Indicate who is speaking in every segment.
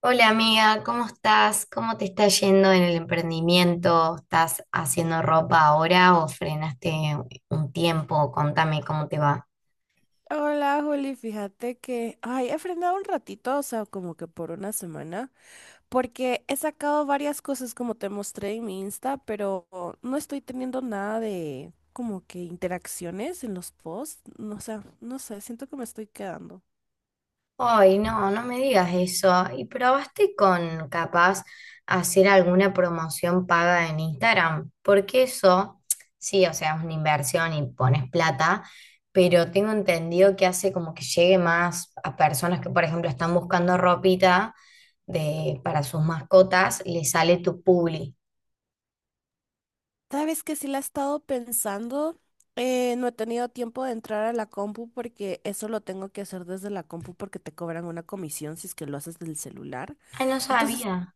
Speaker 1: Hola amiga, ¿cómo estás? ¿Cómo te está yendo en el emprendimiento? ¿Estás haciendo ropa ahora o frenaste un tiempo? Contame cómo te va.
Speaker 2: Hola, Juli, fíjate que, ay, he frenado un ratito, o sea, como que por una semana, porque he sacado varias cosas como te mostré en mi Insta, pero no estoy teniendo nada de como que interacciones en los posts, no sé, siento que me estoy quedando.
Speaker 1: Ay, no, no me digas eso. ¿Y probaste con capaz hacer alguna promoción paga en Instagram? Porque eso, sí, o sea, es una inversión y pones plata, pero tengo entendido que hace como que llegue más a personas que, por ejemplo, están buscando ropita para sus mascotas, les sale tu publi.
Speaker 2: Sabes que sí la he estado pensando, no he tenido tiempo de entrar a la compu porque eso lo tengo que hacer desde la compu porque te cobran una comisión si es que lo haces del celular.
Speaker 1: Ay, no
Speaker 2: Entonces
Speaker 1: sabía.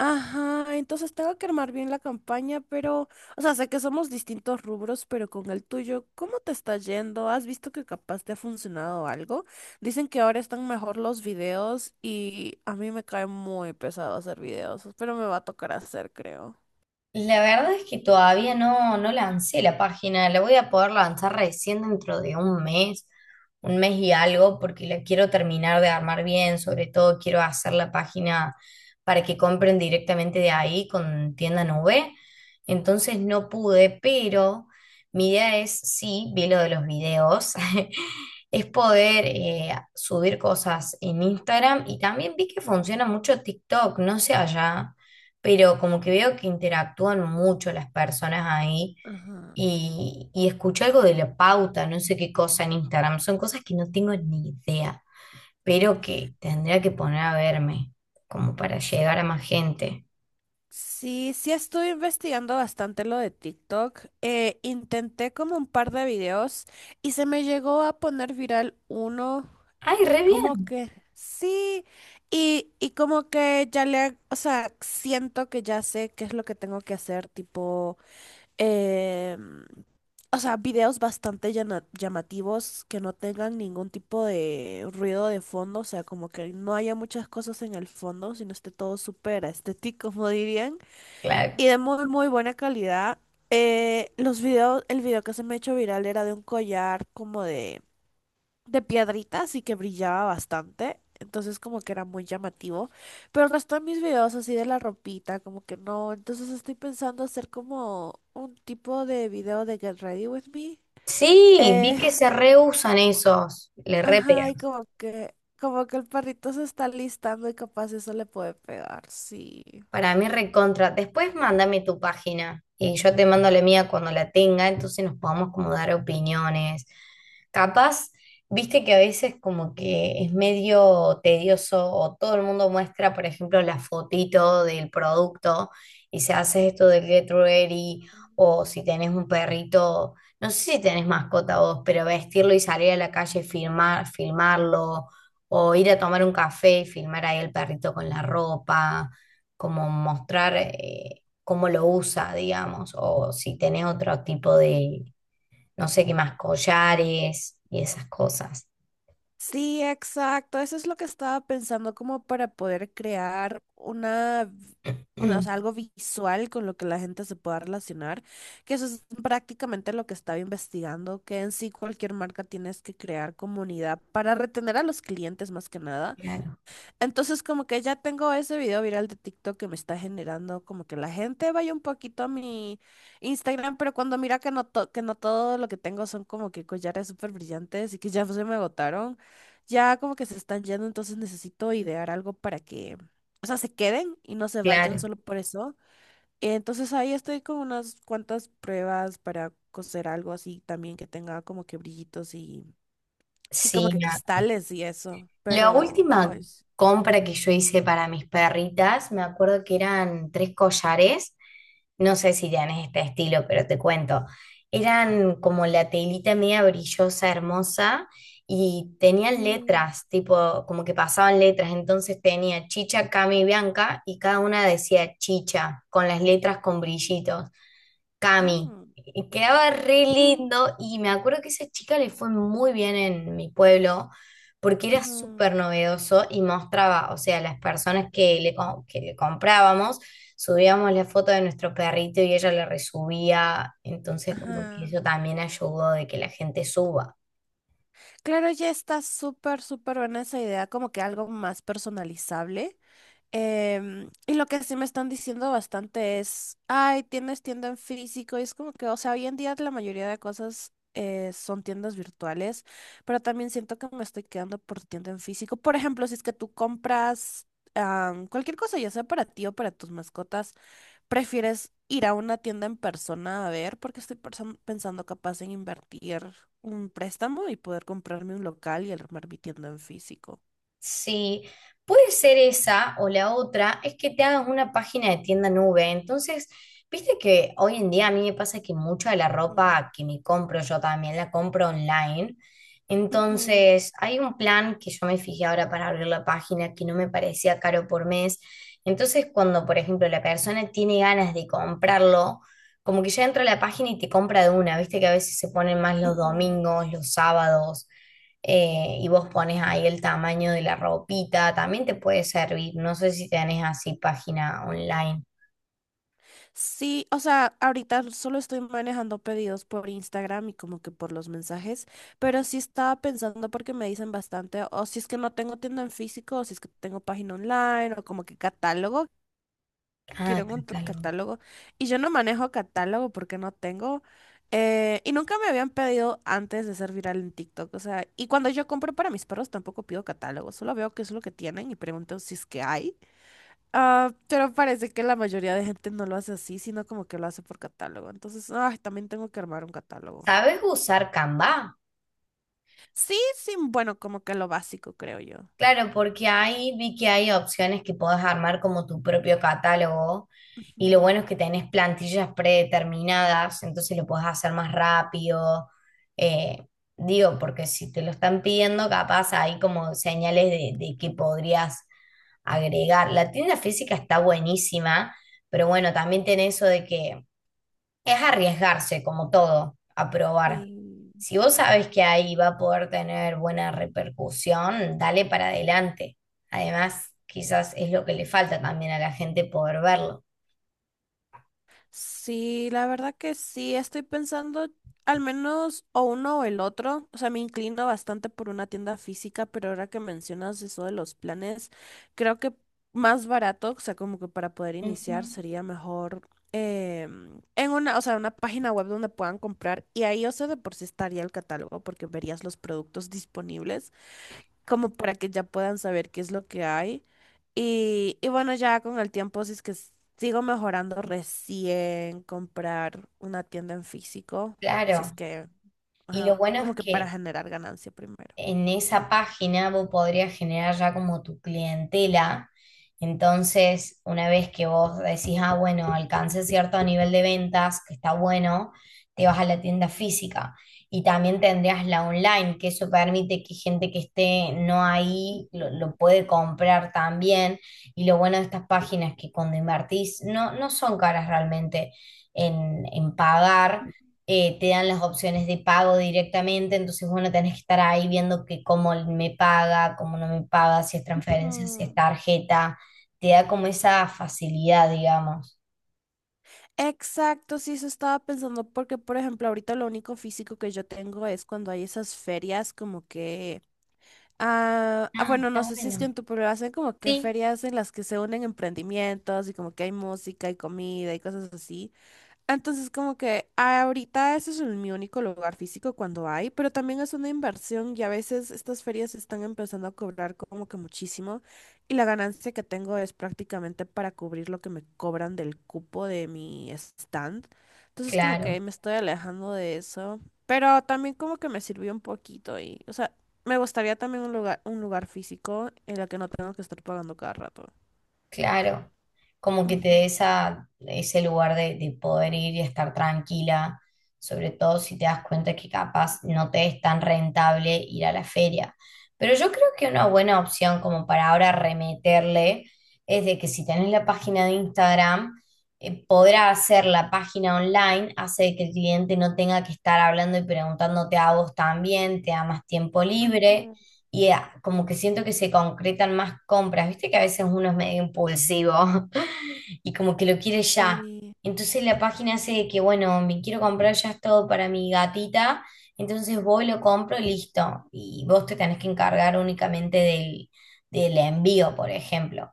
Speaker 2: Ajá, entonces tengo que armar bien la campaña, pero, o sea, sé que somos distintos rubros, pero con el tuyo, ¿cómo te está yendo? ¿Has visto que capaz te ha funcionado algo? Dicen que ahora están mejor los videos y a mí me cae muy pesado hacer videos, pero me va a tocar hacer, creo.
Speaker 1: La verdad es que todavía no, no lancé la página, la voy a poder lanzar recién dentro de un mes y algo, porque la quiero terminar de armar bien. Sobre todo quiero hacer la página para que compren directamente de ahí con tienda nube, entonces no pude. Pero mi idea es, sí, vi lo de los videos, es poder subir cosas en Instagram, y también vi que funciona mucho TikTok, no sé allá, pero como que veo que interactúan mucho las personas ahí.
Speaker 2: Ajá.
Speaker 1: Y escuché algo de la pauta, no sé qué cosa en Instagram, son cosas que no tengo ni idea, pero que tendría que poner a verme como para
Speaker 2: S-
Speaker 1: llegar a más gente.
Speaker 2: Sí, sí estoy investigando bastante lo de TikTok. Intenté como un par de videos y se me llegó a poner viral uno.
Speaker 1: ¡Ay, re
Speaker 2: Como
Speaker 1: bien!
Speaker 2: que sí, y como que ya le, o sea, siento que ya sé qué es lo que tengo que hacer, tipo, em, o sea, videos bastante llamativos que no tengan ningún tipo de ruido de fondo, o sea, como que no haya muchas cosas en el fondo, sino esté todo súper estético, como dirían,
Speaker 1: Claro.
Speaker 2: y de muy, muy buena calidad. El video que se me ha hecho viral era de un collar como de piedritas y que brillaba bastante. Entonces como que era muy llamativo. Pero el resto de mis videos así de la ropita, como que no. Entonces estoy pensando hacer como un tipo de video de Get Ready With Me.
Speaker 1: Sí, vi
Speaker 2: Eh,
Speaker 1: que se reusan esos, le re pega.
Speaker 2: ajá, como que el perrito se está listando y capaz eso le puede pegar, sí.
Speaker 1: Para mí recontra. Después mándame tu página y yo te mando la mía cuando la tenga, entonces nos podamos como dar opiniones. Capaz, viste que a veces como que es medio tedioso, o todo el mundo muestra, por ejemplo, la fotito del producto y se hace esto del Get Ready, o si tenés un perrito, no sé si tenés mascota vos, pero vestirlo y salir a la calle y filmar, filmarlo, o ir a tomar un café y filmar ahí el perrito con la ropa, como mostrar cómo lo usa, digamos, o si tenés otro tipo de, no sé qué más, collares y esas cosas.
Speaker 2: Sí, exacto. Eso es lo que estaba pensando, como para poder crear una, o sea, algo visual con lo que la gente se pueda relacionar, que eso es prácticamente lo que estaba investigando, que en sí cualquier marca tienes que crear comunidad para retener a los clientes más que nada.
Speaker 1: Claro,
Speaker 2: Entonces como que ya tengo ese video viral de TikTok que me está generando como que la gente vaya un poquito a mi Instagram, pero cuando mira que no, que no todo lo que tengo son como que collares súper brillantes y que ya se me agotaron, ya como que se están yendo, entonces necesito idear algo para que, o sea, se queden y no se vayan
Speaker 1: claro.
Speaker 2: solo por eso. Entonces ahí estoy con unas cuantas pruebas para coser algo así también que tenga como que brillitos y como
Speaker 1: Sí,
Speaker 2: que cristales y eso,
Speaker 1: la
Speaker 2: pero...
Speaker 1: última
Speaker 2: Ay,
Speaker 1: compra que yo hice para mis perritas, me acuerdo que eran tres collares, no sé si tenés este estilo, pero te cuento. Eran como la telita media brillosa, hermosa, y tenían
Speaker 2: sí.
Speaker 1: letras, tipo, como que pasaban letras. Entonces tenía Chicha, Cami y Bianca, y cada una decía Chicha, con las letras con brillitos. Cami.
Speaker 2: Mm,
Speaker 1: Y quedaba re
Speaker 2: ujú,
Speaker 1: lindo, y me acuerdo que esa chica le fue muy bien en mi pueblo porque era
Speaker 2: ujú,
Speaker 1: súper novedoso y mostraba, o sea, las personas que que le comprábamos, subíamos la foto de nuestro perrito y ella la resubía, entonces como que
Speaker 2: ajá.
Speaker 1: eso también ayudó de que la gente suba.
Speaker 2: Claro, ya está súper, súper buena esa idea, como que algo más personalizable. Y lo que sí me están diciendo bastante es, ay, tienes tienda en físico, y es como que, o sea, hoy en día la mayoría de cosas son tiendas virtuales, pero también siento que me estoy quedando por tienda en físico. Por ejemplo, si es que tú compras cualquier cosa, ya sea para ti o para tus mascotas. ¿Prefieres ir a una tienda en persona a ver? Porque estoy pensando capaz en invertir un préstamo y poder comprarme un local y armar mi tienda en físico.
Speaker 1: Sí, puede ser esa o la otra, es que te hagas una página de tienda nube. Entonces, viste que hoy en día a mí me pasa que mucha de la
Speaker 2: Mm,
Speaker 1: ropa que me compro yo también la compro online.
Speaker 2: ujú,
Speaker 1: Entonces, hay un plan que yo me fijé ahora para abrir la página que no me parecía caro por mes. Entonces, cuando, por ejemplo, la persona tiene ganas de comprarlo, como que ya entra a la página y te compra de una, viste que a veces se ponen más los
Speaker 2: ujú.
Speaker 1: domingos, los sábados. Y vos pones ahí el tamaño de la ropita, también te puede servir. No sé si tenés así página online.
Speaker 2: Sí, o sea, ahorita solo estoy manejando pedidos por Instagram y como que por los mensajes, pero sí estaba pensando porque me dicen bastante, o si es que no tengo tienda en físico, o si es que tengo página online, o como que catálogo,
Speaker 1: Ah,
Speaker 2: quiero un
Speaker 1: catálogo.
Speaker 2: catálogo y yo no manejo catálogo porque no tengo y nunca me habían pedido antes de ser viral en TikTok, o sea, y cuando yo compro para mis perros tampoco pido catálogo, solo veo qué es lo que tienen y pregunto si es que hay. Ah, pero parece que la mayoría de gente no lo hace así, sino como que lo hace por catálogo. Entonces, ay, también tengo que armar un catálogo.
Speaker 1: ¿Sabes usar Canva?
Speaker 2: Sí, sí, bueno, como que lo básico, creo yo.
Speaker 1: Claro, porque ahí vi que hay opciones que podés armar como tu propio catálogo, y lo
Speaker 2: Ujú.
Speaker 1: bueno es que tenés plantillas predeterminadas, entonces lo podés hacer más rápido. Eh, Digo, porque si te lo están pidiendo, capaz hay como señales de que podrías agregar. La tienda física está buenísima, pero bueno, también tiene eso de que es arriesgarse, como todo, a probar.
Speaker 2: Sí.
Speaker 1: Si vos sabes que ahí va a poder tener buena repercusión, dale para adelante. Además, quizás es lo que le falta también a la gente poder verlo.
Speaker 2: Sí, la verdad que sí, estoy pensando al menos o uno o el otro. O sea, me inclino bastante por una tienda física, pero ahora que mencionas eso de los planes, creo que más barato, o sea, como que para poder
Speaker 1: Ujú.
Speaker 2: iniciar sería mejor en una, o sea, una página web donde puedan comprar y ahí, o sea, de por sí estaría el catálogo porque verías los productos disponibles como para que ya puedan saber qué es lo que hay. Y bueno, ya con el tiempo, si es que sigo mejorando, recién comprar una tienda en físico, si es
Speaker 1: Claro.
Speaker 2: que,
Speaker 1: Y lo
Speaker 2: ajá,
Speaker 1: bueno es
Speaker 2: como que para
Speaker 1: que
Speaker 2: generar ganancia primero.
Speaker 1: en esa página vos podrías generar ya como tu clientela. Entonces, una vez que vos decís, ah, bueno, alcancé cierto nivel de ventas, que está bueno, te vas a la tienda física. Y también tendrías la online, que eso permite que gente que esté no ahí lo,
Speaker 2: No.
Speaker 1: lo puede comprar también. Y lo bueno de estas páginas es que cuando invertís, no, no son caras realmente en pagar. Te dan las opciones de pago directamente, entonces bueno, tenés que estar ahí viendo que cómo me paga, cómo no me paga, si es transferencia, si es
Speaker 2: Mm.
Speaker 1: tarjeta, te da como esa facilidad, digamos.
Speaker 2: Exacto, sí, eso estaba pensando porque, por ejemplo, ahorita lo único físico que yo tengo es cuando hay esas ferias como que
Speaker 1: Ah,
Speaker 2: bueno, no
Speaker 1: está
Speaker 2: sé si es que
Speaker 1: bueno.
Speaker 2: en tu pueblo hacen como que
Speaker 1: Sí,
Speaker 2: ferias en las que se unen emprendimientos y como que hay música y comida y cosas así. Entonces, como que ahorita ese es mi único lugar físico cuando hay, pero también es una inversión y a veces estas ferias están empezando a cobrar como que muchísimo y la ganancia que tengo es prácticamente para cubrir lo que me cobran del cupo de mi stand. Entonces, como que
Speaker 1: claro.
Speaker 2: me estoy alejando de eso, pero también como que me sirvió un poquito y, o sea, me gustaría también un lugar físico en el que no tengo que estar pagando cada rato.
Speaker 1: Claro, como que te
Speaker 2: Ujú.
Speaker 1: dé esa, ese lugar de poder ir y estar tranquila, sobre todo si te das cuenta que capaz no te es tan rentable ir a la feria. Pero yo creo que una buena opción como para ahora remeterle es de que si tenés la página de Instagram, podrá hacer la página online, hace que el cliente no tenga que estar hablando y preguntándote a vos también, te da más tiempo libre
Speaker 2: Ujú.
Speaker 1: y como que siento que se concretan más compras, viste que a veces uno es medio impulsivo y como que lo quiere ya.
Speaker 2: Sí.
Speaker 1: Entonces la página hace de que, bueno, me quiero comprar ya todo para mi gatita, entonces voy, lo compro y listo. Y vos te tenés que encargar únicamente del envío, por ejemplo.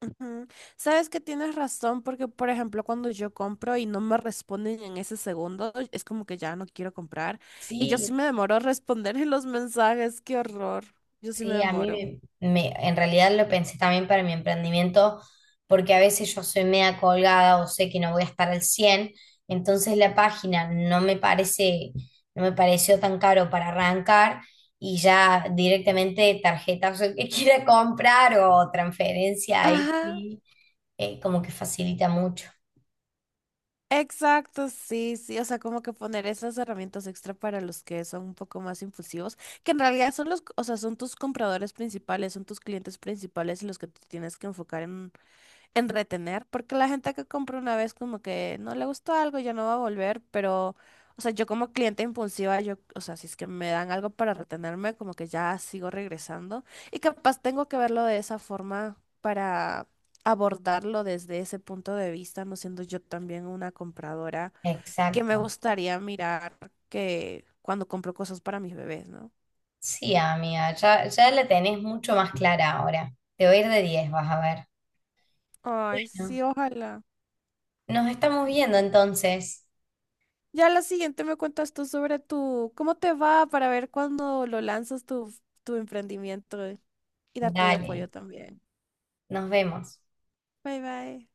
Speaker 2: Ujú. Sabes que tienes razón porque, por ejemplo, cuando yo compro y no me responden en ese segundo, es como que ya no quiero comprar. Y yo sí
Speaker 1: Sí,
Speaker 2: me demoro a responder en los mensajes, qué horror. Yo sí me
Speaker 1: sí, a mí
Speaker 2: demoro.
Speaker 1: en realidad lo pensé también para mi emprendimiento, porque a veces yo soy media colgada o sé que no voy a estar al 100, entonces la página no me parece, no me pareció tan caro para arrancar, y ya directamente tarjetas el que quiera comprar o transferencia, ahí
Speaker 2: Ajá,
Speaker 1: sí, como que facilita mucho.
Speaker 2: exacto, sí, sí, o sea, como que poner esas herramientas extra para los que son un poco más impulsivos, que en realidad son los, o sea, son tus compradores principales, son tus clientes principales y los que tú tienes que enfocar en retener, porque la gente que compra una vez como que no le gustó algo, ya no va a volver, pero, o sea, yo como cliente impulsiva, yo, o sea, si es que me dan algo para retenerme, como que ya sigo regresando y capaz tengo que verlo de esa forma para abordarlo desde ese punto de vista, no siendo yo también una compradora, que
Speaker 1: Exacto.
Speaker 2: me gustaría mirar que cuando compro cosas para mis bebés, ¿no?
Speaker 1: Sí, amiga, ya, ya la tenés mucho más clara ahora. Te voy a ir de 10, vas a ver.
Speaker 2: Ay,
Speaker 1: Bueno,
Speaker 2: sí, ojalá.
Speaker 1: nos estamos viendo entonces.
Speaker 2: Ya la siguiente me cuentas tú sobre tu, cómo te va para ver cuándo lo lanzas tu, tu emprendimiento y darte apoyo
Speaker 1: Dale,
Speaker 2: también.
Speaker 1: nos vemos.
Speaker 2: Bye bye.